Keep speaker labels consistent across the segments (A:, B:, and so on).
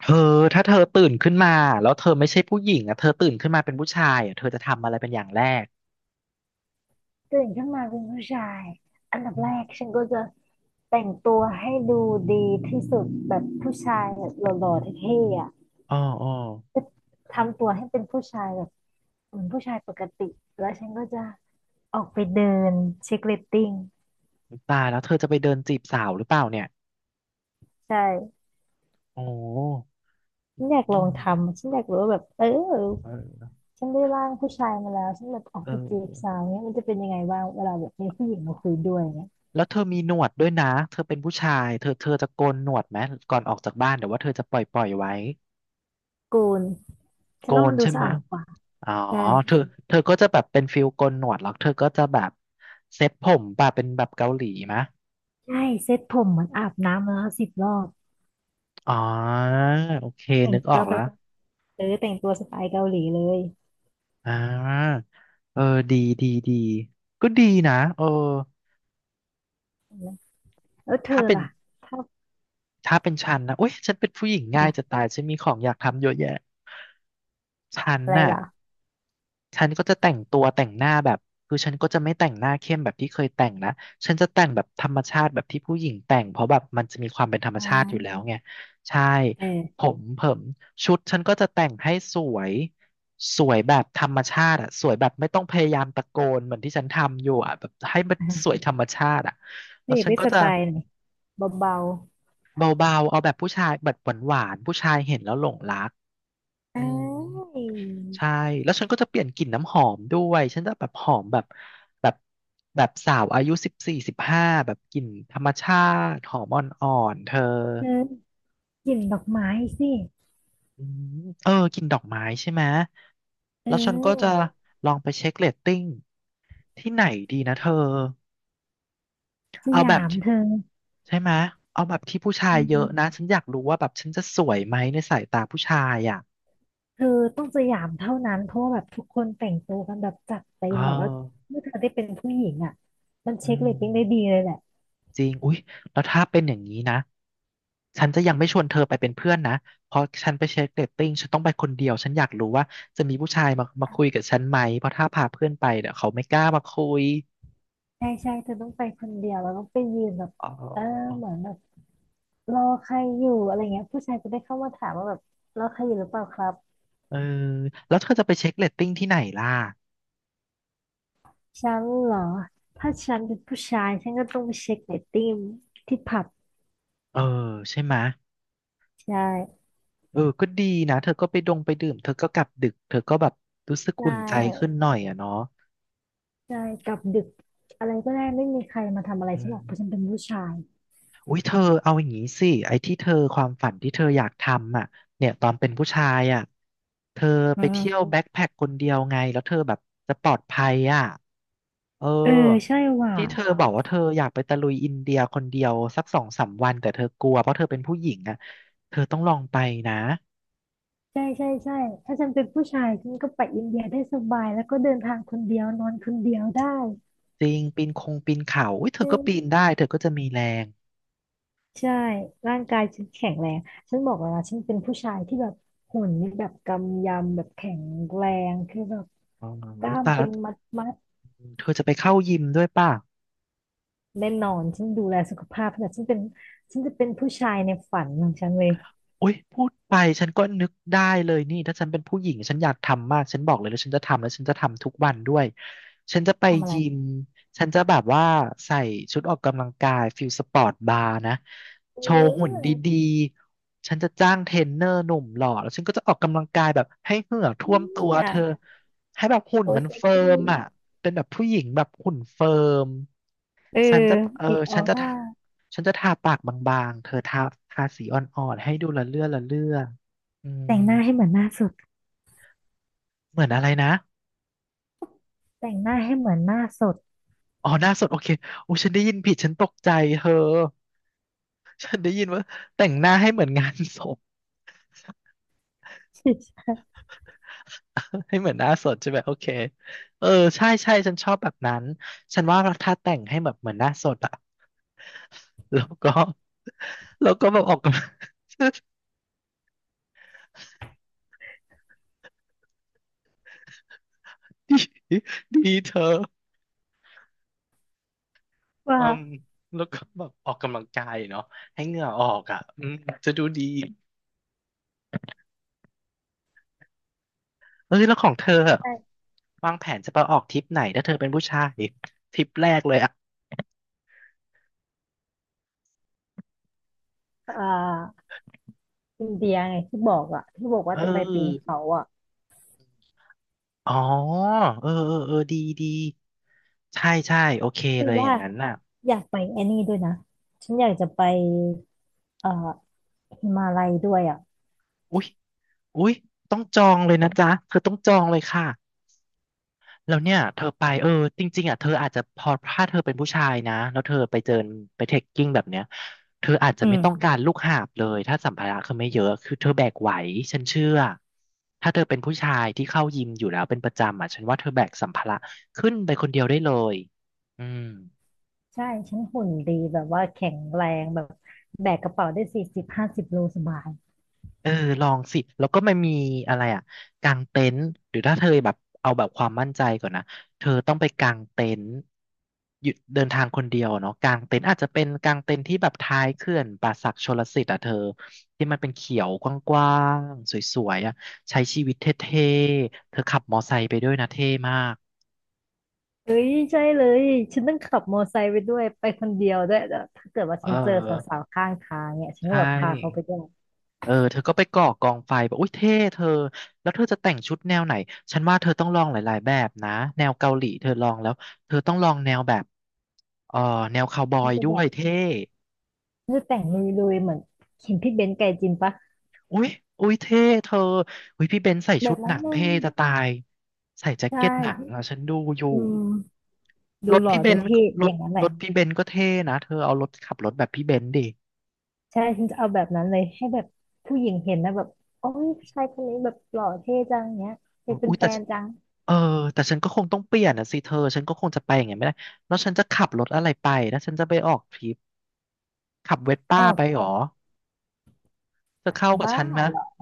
A: เธอถ้าเธอตื่นขึ้นมาแล้วเธอไม่ใช่ผู้หญิงอ่ะเธอตื่นขึ้นมาเป็นผู้ชายอ่ะเธอจะทำอะไรเป็นอย่างแรก
B: ตื่นขึ้นมาเป็นผู้ชายอันดับ
A: อื
B: แรก
A: ม
B: ฉันก็จะแต่งตัวให้ดูดีที่สุดแบบผู้ชายแบบหล่อๆเท่ๆอ่ะ
A: อ๋ออ๋อ
B: จะทำตัวให้เป็นผู้ชายแบบเหมือนผู้ชายปกติแล้วฉันก็จะออกไปเดินเช็คเรตติ้ง
A: ตายแล้วเธอจะไปเดินจีบสาวหรือเปล่าเนี่ย
B: ใช่
A: โอ้
B: ฉันอยาก
A: อื
B: ลอง
A: ม
B: ทำฉันอยากรู้ว่าแบบ
A: เออ
B: ฉันได้ร่างผู้ชายมาแล้วฉันแบบออกไปจีบ
A: เออ
B: สาวเนี้ยมันจะเป็นยังไงบ้างเวลาแบบมีผู้หญิงมาคุยด้วยเนี้ย
A: แล้วเธอมีหนวดด้วยนะเธอเป็นผู้ชายเธอจะโกนหนวดไหมก่อนออกจากบ้านเดี๋ยวว่าเธอจะปล่อยไว้
B: กูนฉั
A: โก
B: นว่า
A: น
B: มันดู
A: ใช่
B: สะ
A: ไหม
B: อาดกว่า
A: อ๋อ
B: ใช่
A: เธอเธอก็จะแบบเป็นฟิลโกนหนวดแล้วเธอก็จะแบบเซ็ตผมแบบเป็นแบบเกาหลีมะ
B: ใช่เซ็ตผมเหมือนอาบน้ำมาแล้ว10 รอบ
A: อ๋อโอเค
B: แต่ง
A: นึกออ
B: ตัว
A: ก
B: แบ
A: แล้ว
B: บเออแต่งตัวสไตล์เกาหลีเลย
A: อ่าเออดีดีดีก็ดีนะเออ
B: นะแล้วเธอ
A: ถ้าเป็น
B: ล่ะชอบ
A: ถ้าเป็นฉันนะโอ้ยฉันเป็นผู้หญิงง่ายจะ
B: อ่ะ
A: ตายฉันมีของอยากทำเยอะแยะฉัน
B: อะไร
A: น่ะ
B: ล่ะ
A: ฉันก็จะแต่งตัวแต่งหน้าแบบคือฉันก็จะไม่แต่งหน้าเข้มแบบที่เคยแต่งนะฉันจะแต่งแบบธรรมชาติแบบที่ผู้หญิงแต่งเพราะแบบมันจะมีความเป็นธรรม
B: อ่
A: ชาติอยู่แล้
B: า
A: วไงใช่ผ
B: เออ
A: มเผมชุดฉันก็จะแต่งให้สวยสวยแบบธรรมชาติอะสวยแบบไม่ต้องพยายามตะโกนเหมือนที่ฉันทำอยู่อะแบบให้มันส
B: อ่ะ
A: วยธรรมชาติอะแล้
B: ไม่
A: ว
B: อยาก
A: ฉัน
B: ได้
A: ก็
B: ส
A: จะ
B: ไตล์ไหนเบา
A: เบาๆเอาแบบผู้ชายแบบหวานๆผู้ชายเห็นแล้วหลงรัก
B: ๆ
A: อื
B: เอ้า
A: ม
B: ย
A: ใช่แล้วฉันก็จะเปลี่ยนกลิ่นน้ำหอมด้วยฉันจะแบบหอมแบบแบบแบบสาวอายุ14 15แบบกลิ่นธรรมชาติหอมอ่อนๆเธอ
B: เธอกลิ่นดอกไม้สิ
A: อืมเออกินดอกไม้ใช่ไหม
B: เอ
A: แล้วฉันก็จะ
B: อ
A: ลองไปเช็คเรตติ้งที่ไหนดีนะเธอ
B: ส
A: เอาแบ
B: ยา
A: บ
B: ม
A: ที่
B: เธอ
A: ใช่ไหมเอาแบบที่ผู้ชาย
B: อื
A: เยอะนะ
B: ม
A: ฉันอยากรู้ว่าแบบฉันจะสวยไหมในสายตาผู้ชายอ่ะ
B: เธอต้องสยามเท่านั้นเพราะว่าแบบทุกคนแต่งตัวกันแบบจัดเต็
A: เอ
B: มแบบแล้ว
A: อ
B: เมื่อเธอได้เป็นผู้หญิงอ่ะมัน
A: อื
B: เช็คเรตติ้งได้ดี
A: ม
B: เลยแหละ
A: จริงอุ๊ยแล้วถ้าเป็นอย่างนี้นะฉันจะยังไม่ชวนเธอไปเป็นเพื่อนนะเพราะฉันไปเช็คเรตติ้งฉันต้องไปคนเดียวฉันอยากรู้ว่าจะมีผู้ชายมาคุยกับฉันไหมเพราะถ้าพาเพื่อนไปเดี๋ยวเขาไม่กล้ามาคุย
B: ใช่ใช่เธอต้องไปคนเดียวแล้วต้องไปยืนแบบ
A: อ๋
B: เออ
A: อ
B: เหมือนแบบ รอใครอยู่อะไรเงี้ยผู้ชายจะได้เข้ามาถามว่าแบบรอใครอยู่หรือเปล่าครับ
A: เออแล้วเธอจะไปเช็คเรตติ้งที่ไหนล่ะ
B: ฉันเหรอถ้าฉันเป็นผู้ชายฉันก็ต้องไปเช็คเรตติ้งที่ผับ
A: เออใช่ไหม
B: ใช่
A: เออก็ดีนะเธอก็ไปดงไปดื่มเธอก็กลับดึกเธอก็แบบรู้สึก
B: ใช
A: อุ่นใจขึ้น
B: ่
A: หน่อยอะเนาะ
B: ใช่กลับดึกอะไรก็ได้ไม่มีใครมาทำอะไร
A: อื
B: ฉันหรอกเพราะฉัน
A: ม
B: เป็นผู้ชาย
A: อุ้ยเธอเอาอย่างนี้สิไอ้ที่เธอความฝันที่เธออยากทำอ่ะเนี่ยตอนเป็นผู้ชายอ่ะเธอ
B: อื
A: ไปเที่ยว
B: ม
A: แบ็คแพ็คคนเดียวไงแล้วเธอแบบจะปลอดภัยอ่ะเออ
B: เออใช่ว่ะ
A: ที่เธอบอกว่าเธออยากไปตะลุยอินเดียคนเดียวสักสองสามวันแต่เธอกลัวเพราะเธอเป็นผู้หญิงอ่ะเธอต้องลองไปนะ
B: ใช่ใช่ใช่ถ้าฉันเป็นผู้ชายฉันก็ไปอินเดียได้สบายแล้วก็เดินทางคนเดียวนอนคนเดียวได้
A: จริงปีนคงปีนเขาอุ้ยเธอก็ปีนได้เธอก็จะมีแรง
B: ใช่ ร่างกายฉันแข็งแรง ฉันบอกแล้วนะฉันเป็นผู้ชายที่แบบหุ่นนี่แบบกำยำแบบแข็งแรงคือแบบ
A: อ๋อ
B: ก
A: อุ้
B: ล้า
A: ย
B: ม
A: ตาย
B: เป็
A: แล้ว
B: นมัดมัด
A: เธอจะไปเข้ายิมด้วยป่ะ
B: แน่นอน ฉันดูแลสุขภาพแบบฉันเป็นฉันจะเป็นผู้ชายในฝันของฉันเลย
A: โอ๊ยพูดไปฉันก็นึกได้เลยนี่ถ้าฉันเป็นผู้หญิงฉันอยากทำมากฉันบอกเลยแล้วฉันจะทำแล้วฉันจะทำทุกวันด้วยฉันจะไป
B: ทำอะไร
A: ยิมฉันจะแบบว่าใส่ชุดออกกำลังกายฟิลสปอร์ตบาร์นะ
B: เ
A: โชว์หุ่นด
B: ออ
A: ีๆฉันจะจ้างเทรนเนอร์หนุ่มหล่อแล้วฉันก็จะออกกำลังกายแบบให้เหงื่อท่วมตัว
B: เนี่ย
A: เธอให้แบบหุ่น
B: โอ้
A: มัน
B: เซ็ก
A: เฟิร์
B: ซี่
A: มอ่ะเป็นแบบผู้หญิงแบบหุ่นเฟิร์ม
B: เออ
A: ฉันจะเออ
B: มีออ
A: ฉันจะ
B: ร่า
A: ฉันจะทาปากบางๆเธอทาสีอ่อนๆให้ดูละเลื่อละเลื่ออืม
B: แต่งหน้าให้เหมือนหน้าสด
A: เหมือนอะไรนะ
B: แต่งหน้าให้เหมือนหน้าสด
A: อ๋อหน้าสดโอเคโอ้ฉันได้ยินผิดฉันตกใจเธอฉันได้ยินว่าแต่งหน้าให้เหมือนงานศพ ให้เหมือนหน้าสดใช่ไหมโอเคเออใช่ใช่ฉันชอบแบบนั้น ฉันว่าถ้าแต่งให้แบบเหมือนหน้าสดอะ แล้วก็ แล้วก็แบบออกกำลัง ดีดีเธอ
B: ว่า
A: อืมแล้วก็แบบออกกำลังกายเนาะให้เหงื่อออกอ่ะอืมจะดูดี เออแล้วของเธออะ
B: แต่
A: วางแผนจะไปออกทริปไหนถ้าเธอเป็นผู้ชายทริปแรกเลยอ่ะ
B: อ่าอินเดียไงที่บอกอ่ะที่บอก
A: เ
B: ว่าจะไปปีน
A: ออ
B: เขาอ่ะ
A: อ๋อเออเออเออดีดีใช่ใช่โอเค
B: คือ
A: เลยอ
B: ว่า
A: ย่างนั้นน่ะ
B: อยากไปไอ้นี่ด้วยนะฉันอยากจะไปเอ่อฮิมาลัยด้วยอ่ะ
A: อุ๊ยอุ๊ยต้องจองเลยนะจ๊ะเธอต้องจองเลยค่ะ แล้วเนี่ยเธอไปเออจริงๆอ่ะเธออาจจะพอถ้าเธอเป็นผู้ชายนะแล้วเธอไปเจอไปเทคกิ้งแบบเนี้ยเธออาจจะ
B: อื
A: ไม่ต้อง
B: ม
A: การลูกหาบเลยถ้าสัมภาระคือไม่เยอะคือเธอแบกไหวฉันเชื่อถ้าเธอเป็นผู้ชายที่เข้ายิมอยู่แล้วเป็นประจำอ่ะฉันว่าเธอแบกสัมภาระขึ้นไปคนเดียวได้เลยอืม
B: ใช่ฉันหุ่นดีแบบว่าแข็งแรงแบบแบกกระเป๋าได้40-50 โลสบาย
A: เออลองสิแล้วก็มันมีอะไรอ่ะกางเต็นท์หรือถ้าเธอแบบเอาแบบความมั่นใจก่อนนะเธอต้องไปกางเต็นท์หยุดเดินทางคนเดียวเนาะกางเต็นท์อาจจะเป็นกางเต็นท์ที่แบบท้ายเขื่อนป่าสักชลสิทธิ์อ่ะเธอที่มันเป็นเขียวกว้างๆสวยๆอ่ะใช้ชีวิตเท่ๆเธอขับมอไซค์ไปด้วยนะเท่มาก
B: เอ้ยใช่เลยฉันต้องขับมอไซค์ไปด้วยไปคนเดียวด้วยแล้วถ้าเกิดว่า
A: เอ
B: ฉันเจอส
A: อ
B: าวๆข้างทางเนี่ยฉันก็
A: ใช่
B: แบบพาเขาไปด้วย
A: เออเธอก็ไปก่อกองไฟบอกอุ้ยเท่เธอแล้วเธอจะแต่งชุดแนวไหนฉันว่าเธอต้องลองหลายๆแบบนะแนวเกาหลีเธอลองแล้วเธอต้องลองแนวแบบเออแนวคาวบอ
B: ฉัน
A: ย
B: จะ
A: ด้
B: แบ
A: ว
B: บ
A: ยเท่
B: ฉันจะแต่งลุยๆเหมือนเห็นพี่เบนซ์ไกจินปะ
A: อุ้ยอุ้ยเท่เธออุ้ยพี่เบนซ์ใส่
B: แบ
A: ชุ
B: บ
A: ดห
B: นั้
A: นั
B: น
A: ง
B: เล
A: เท่
B: ย
A: จะตายใส่แจ็ค
B: ใช่
A: เก็ตหนังอ่ะฉันดูอยู่
B: อืมดู
A: รถ
B: หล่อ
A: พี่เบ
B: ดู
A: นซ์
B: เท่
A: ร
B: อ
A: ถ
B: ย่างนั้นแห
A: ร
B: ละ
A: ถพี่เบนซ์ก็เท่นะเธอเอารถขับรถแบบพี่เบนซ์ดิ
B: ใช่ฉันจะเอาแบบนั้นเลยให้แบบผู้หญิงเห็นนะแบบโอ้ยผู้ชายคนนี้แบบหล่อเท่จังเนี้ยอยากเป็น
A: อุ้ย
B: แฟ
A: แต่
B: น
A: ฉัน
B: จัง
A: เออแต่ฉันก็คงต้องเปลี่ยนอ่ะสิเธอฉันก็คงจะไปอย่างเงี้ยไม่ได้แล้วฉันจะขับรถอะไรไปแล้วฉันจะไปออกทริปขับเวส
B: อ๋อ
A: ป้าไปหรอจะเข้ากับ
B: บ้า
A: ฉันไหม
B: เหรอ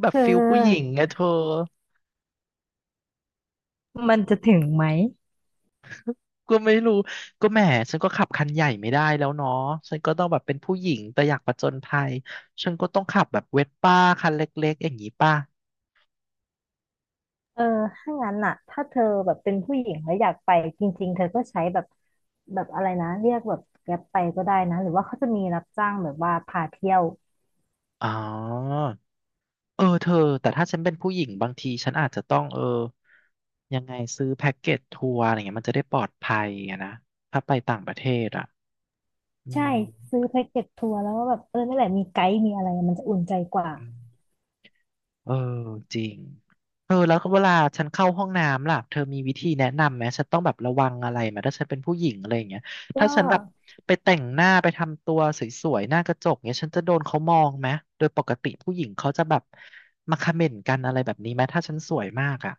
A: แบ
B: เธ
A: บฟิลผู้หญิง
B: อ
A: ไงเธอ
B: มันจะถึงไหม
A: ก็ไม่รู้ก็แหมฉันก็ขับคันใหญ่ไม่ได้แล้วเนาะฉันก็ต้องแบบเป็นผู้หญิงแต่อยากผจญภัยฉันก็ต้องขับแบบเวสป้าคันเล็กๆอย่างนี้ป่ะ
B: เออถ้างั้นน่ะถ้าเธอแบบเป็นผู้หญิงแล้วอยากไปจริงๆเธอก็ใช้แบบแบบอะไรนะเรียกแบบแกร็บไปก็ได้นะหรือว่าเขาจะมีรับจ้างแบบว่าพาเที่ยว
A: อ๋อ เออเธอแต่ถ้าฉันเป็นผู้หญิงบางทีฉันอาจจะต้องยังไงซื้อแพ็กเกจทัวร์อะไรเงี้ยมันจะได้ปลอดภัยอะนะถ้าไปต่างประเทศอ่ะอื
B: ใช่
A: ม
B: ซื้อแพ็กเกจทัวร์แล้วก็แบบเออนั่นแหละมีไกด์มีอะไรมันจะอุ่นใจกว่า
A: อืมเออจริงเออแล้วก็เวลาฉันเข้าห้องน้ำล่ะเธอมีวิธีแนะนำไหมฉันต้องแบบระวังอะไรไหมถ้าฉันเป็นผู้หญิงอะไรอย่างเงี้ย
B: ก็
A: ถ้าฉันแบบไปแต่งหน้าไปทำตัวสวยๆหน้ากระจกเงี้ยฉันจะโดนเขามองไหมโดยปกติผู้หญิงเขาจะแบบมาคอมเมนต์กันอะไรแบบนี้ไหมถ้าฉันสวยมากอ่ะ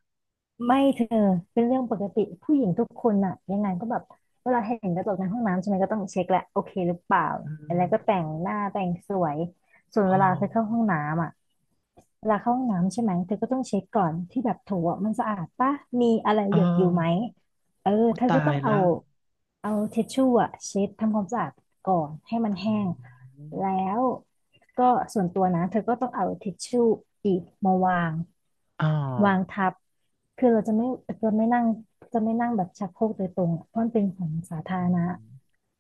B: ไม่เธอเป็นเรื่องปกติผู้หญิงทุกคนอะยังไงก็แบบเวลาเห็นกระจกในห้องน้ำใช่ไหมก็ต้องเช็คแหละโอเคหรือเปล่า
A: อื
B: อะไร
A: ม
B: ก็แต่งหน้าแต่งสวยส่วน
A: อ๋อ
B: เวลาเธอเข้าห้องน้ำอะเวลาเข้าห้องน้ำใช่ไหมเธอก็ต้องเช็คก่อนที่แบบโถอะมันสะอาดปะมีอะไรห
A: อ้า
B: ยดอยู่
A: ว
B: ไหมเออ
A: อุ๊ย
B: เธอ
A: ตา
B: ก็ต้
A: ย
B: อง
A: แล้
B: เอา
A: ว
B: เอาทิชชู่อะเช็ดทำความสะอาดก่อนให้มัน
A: อ
B: แห้ง
A: ืม
B: แล้วก็ส่วนตัวนะเธอก็ต้องเอาทิชชู่อีกมาวาง
A: อ้าว
B: วางทับคือเราจะไม่นั่งจะไม่นั่งแบบชักโครกโดยตรงอะเพราะมันเป็นของสาธา
A: อื
B: รณะ
A: ม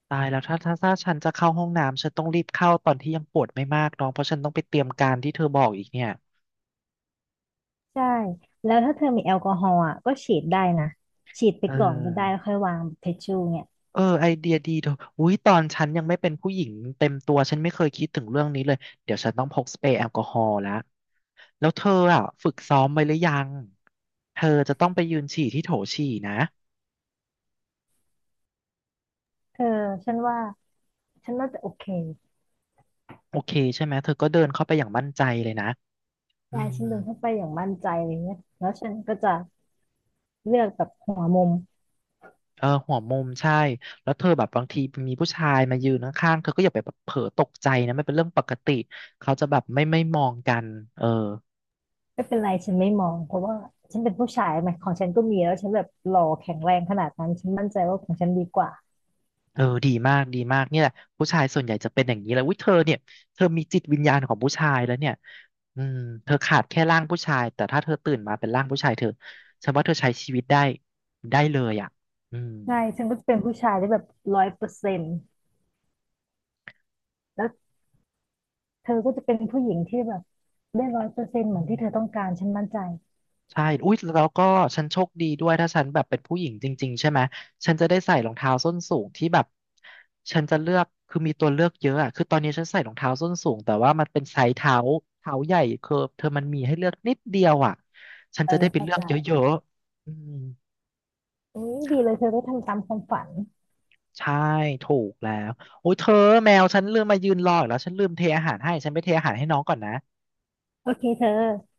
A: ตายแล้วถ้าฉันจะเข้าห้องน้ำฉันต้องรีบเข้าตอนที่ยังปวดไม่มากน้องเพราะฉันต้องไปเตรียมการที่เธอบอกอีกเนี่ย
B: ใช่ แล้วถ้าเธอมีแอลกอฮอล์อะก็ฉีดได้นะ ฉีดไป
A: เ
B: ก่อนก็ได้
A: ออ
B: แล้วค่อยวางเทชชูเนี่ย
A: เออไอเดียดีเธออุ้ยตอนฉันยังไม่เป็นผู้หญิงเต็มตัวฉันไม่เคยคิดถึงเรื่องนี้เลยเดี๋ยวฉันต้องพกสเปรย์แอลกอฮอล์แล้วแล้วเธออ่ะฝึกซ้อมไว้หรือยังเธอจะต้องไปยืนฉี่ที่โถฉี่นะ
B: เธอฉันว่าฉันน่าจะโอเค
A: โอเคใช่ไหมเธอก็เดินเข้าไปอย่างมั่นใจเลยนะอื
B: ยายฉัน
A: ม
B: เดินเข้าไปอย่างมั่นใจเลยเนี่ยแล้วฉันก็จะเลือกแบบหัวมุม
A: เออหัวมุมใช่แล้วเธอแบบบางทีมีผู้ชายมายืนข้างๆเธอก็อย่าไปแบบเผลอตกใจนะมันเป็นเรื่องปกติเขาจะแบบไม่มองกันเออ
B: ไม่เป็นไรฉันไม่มองเพราะว่าฉันเป็นผู้ชายไหมของฉันก็มีแล้วฉันแบบหล่อแข็งแรงขนาดนั้นฉันมั่นใจว่าของฉันดีกว่า
A: เออดีมากดีมากเนี่ยแหละผู้ชายส่วนใหญ่จะเป็นอย่างนี้แหละอุ้ยเธอเนี่ยเธอมีจิตวิญญาณของผู้ชายแล้วเนี่ยอืมเธอขาดแค่ร่างผู้ชายแต่ถ้าเธอตื่นมาเป็นร่างผู้ชายเธอฉันว่าเธอใช้ชีวิตได้ได้เลยอ่ะอืม
B: ใช่ฉันก็จะเป็นผู้ชายได้แบบร้อยเปอร์เซ็นต์แล้ว เธอก็จะเป็นผู้หญิงที่แบบได้ร้อยเปอร์เซ็นต์เห
A: อื
B: มือนที่เธอต้อง
A: ม
B: การฉันมั่นใจ
A: ใช่อุ๊ยแล้วก็ฉันโชคดีด้วยถ้าฉันแบบเป็นผู้หญิงจริงๆใช่ไหมฉันจะได้ใส่รองเท้าส้นสูงที่แบบฉันจะเลือกคือมีตัวเลือกเยอะอะคือตอนนี้ฉันใส่รองเท้าส้นสูงแต่ว่ามันเป็นไซส์เท้าใหญ่คือเธอมันมีให้เลือกนิดเดียวอ่ะฉัน
B: เอ
A: จะ
B: อ
A: ได้ไป
B: เข้า
A: เลือ
B: ใจ
A: กเยอะๆอืม
B: อุ้ยดีเลยเธอได้ทำตามความฝัน
A: ใช่ถูกแล้วโอ้ยเธอแมวฉันลืมมายืนรออีกแล้วฉันลืมเทอาหารให้ฉันไปเทอาหารให้น้องก่อนนะ
B: โอเคเธอ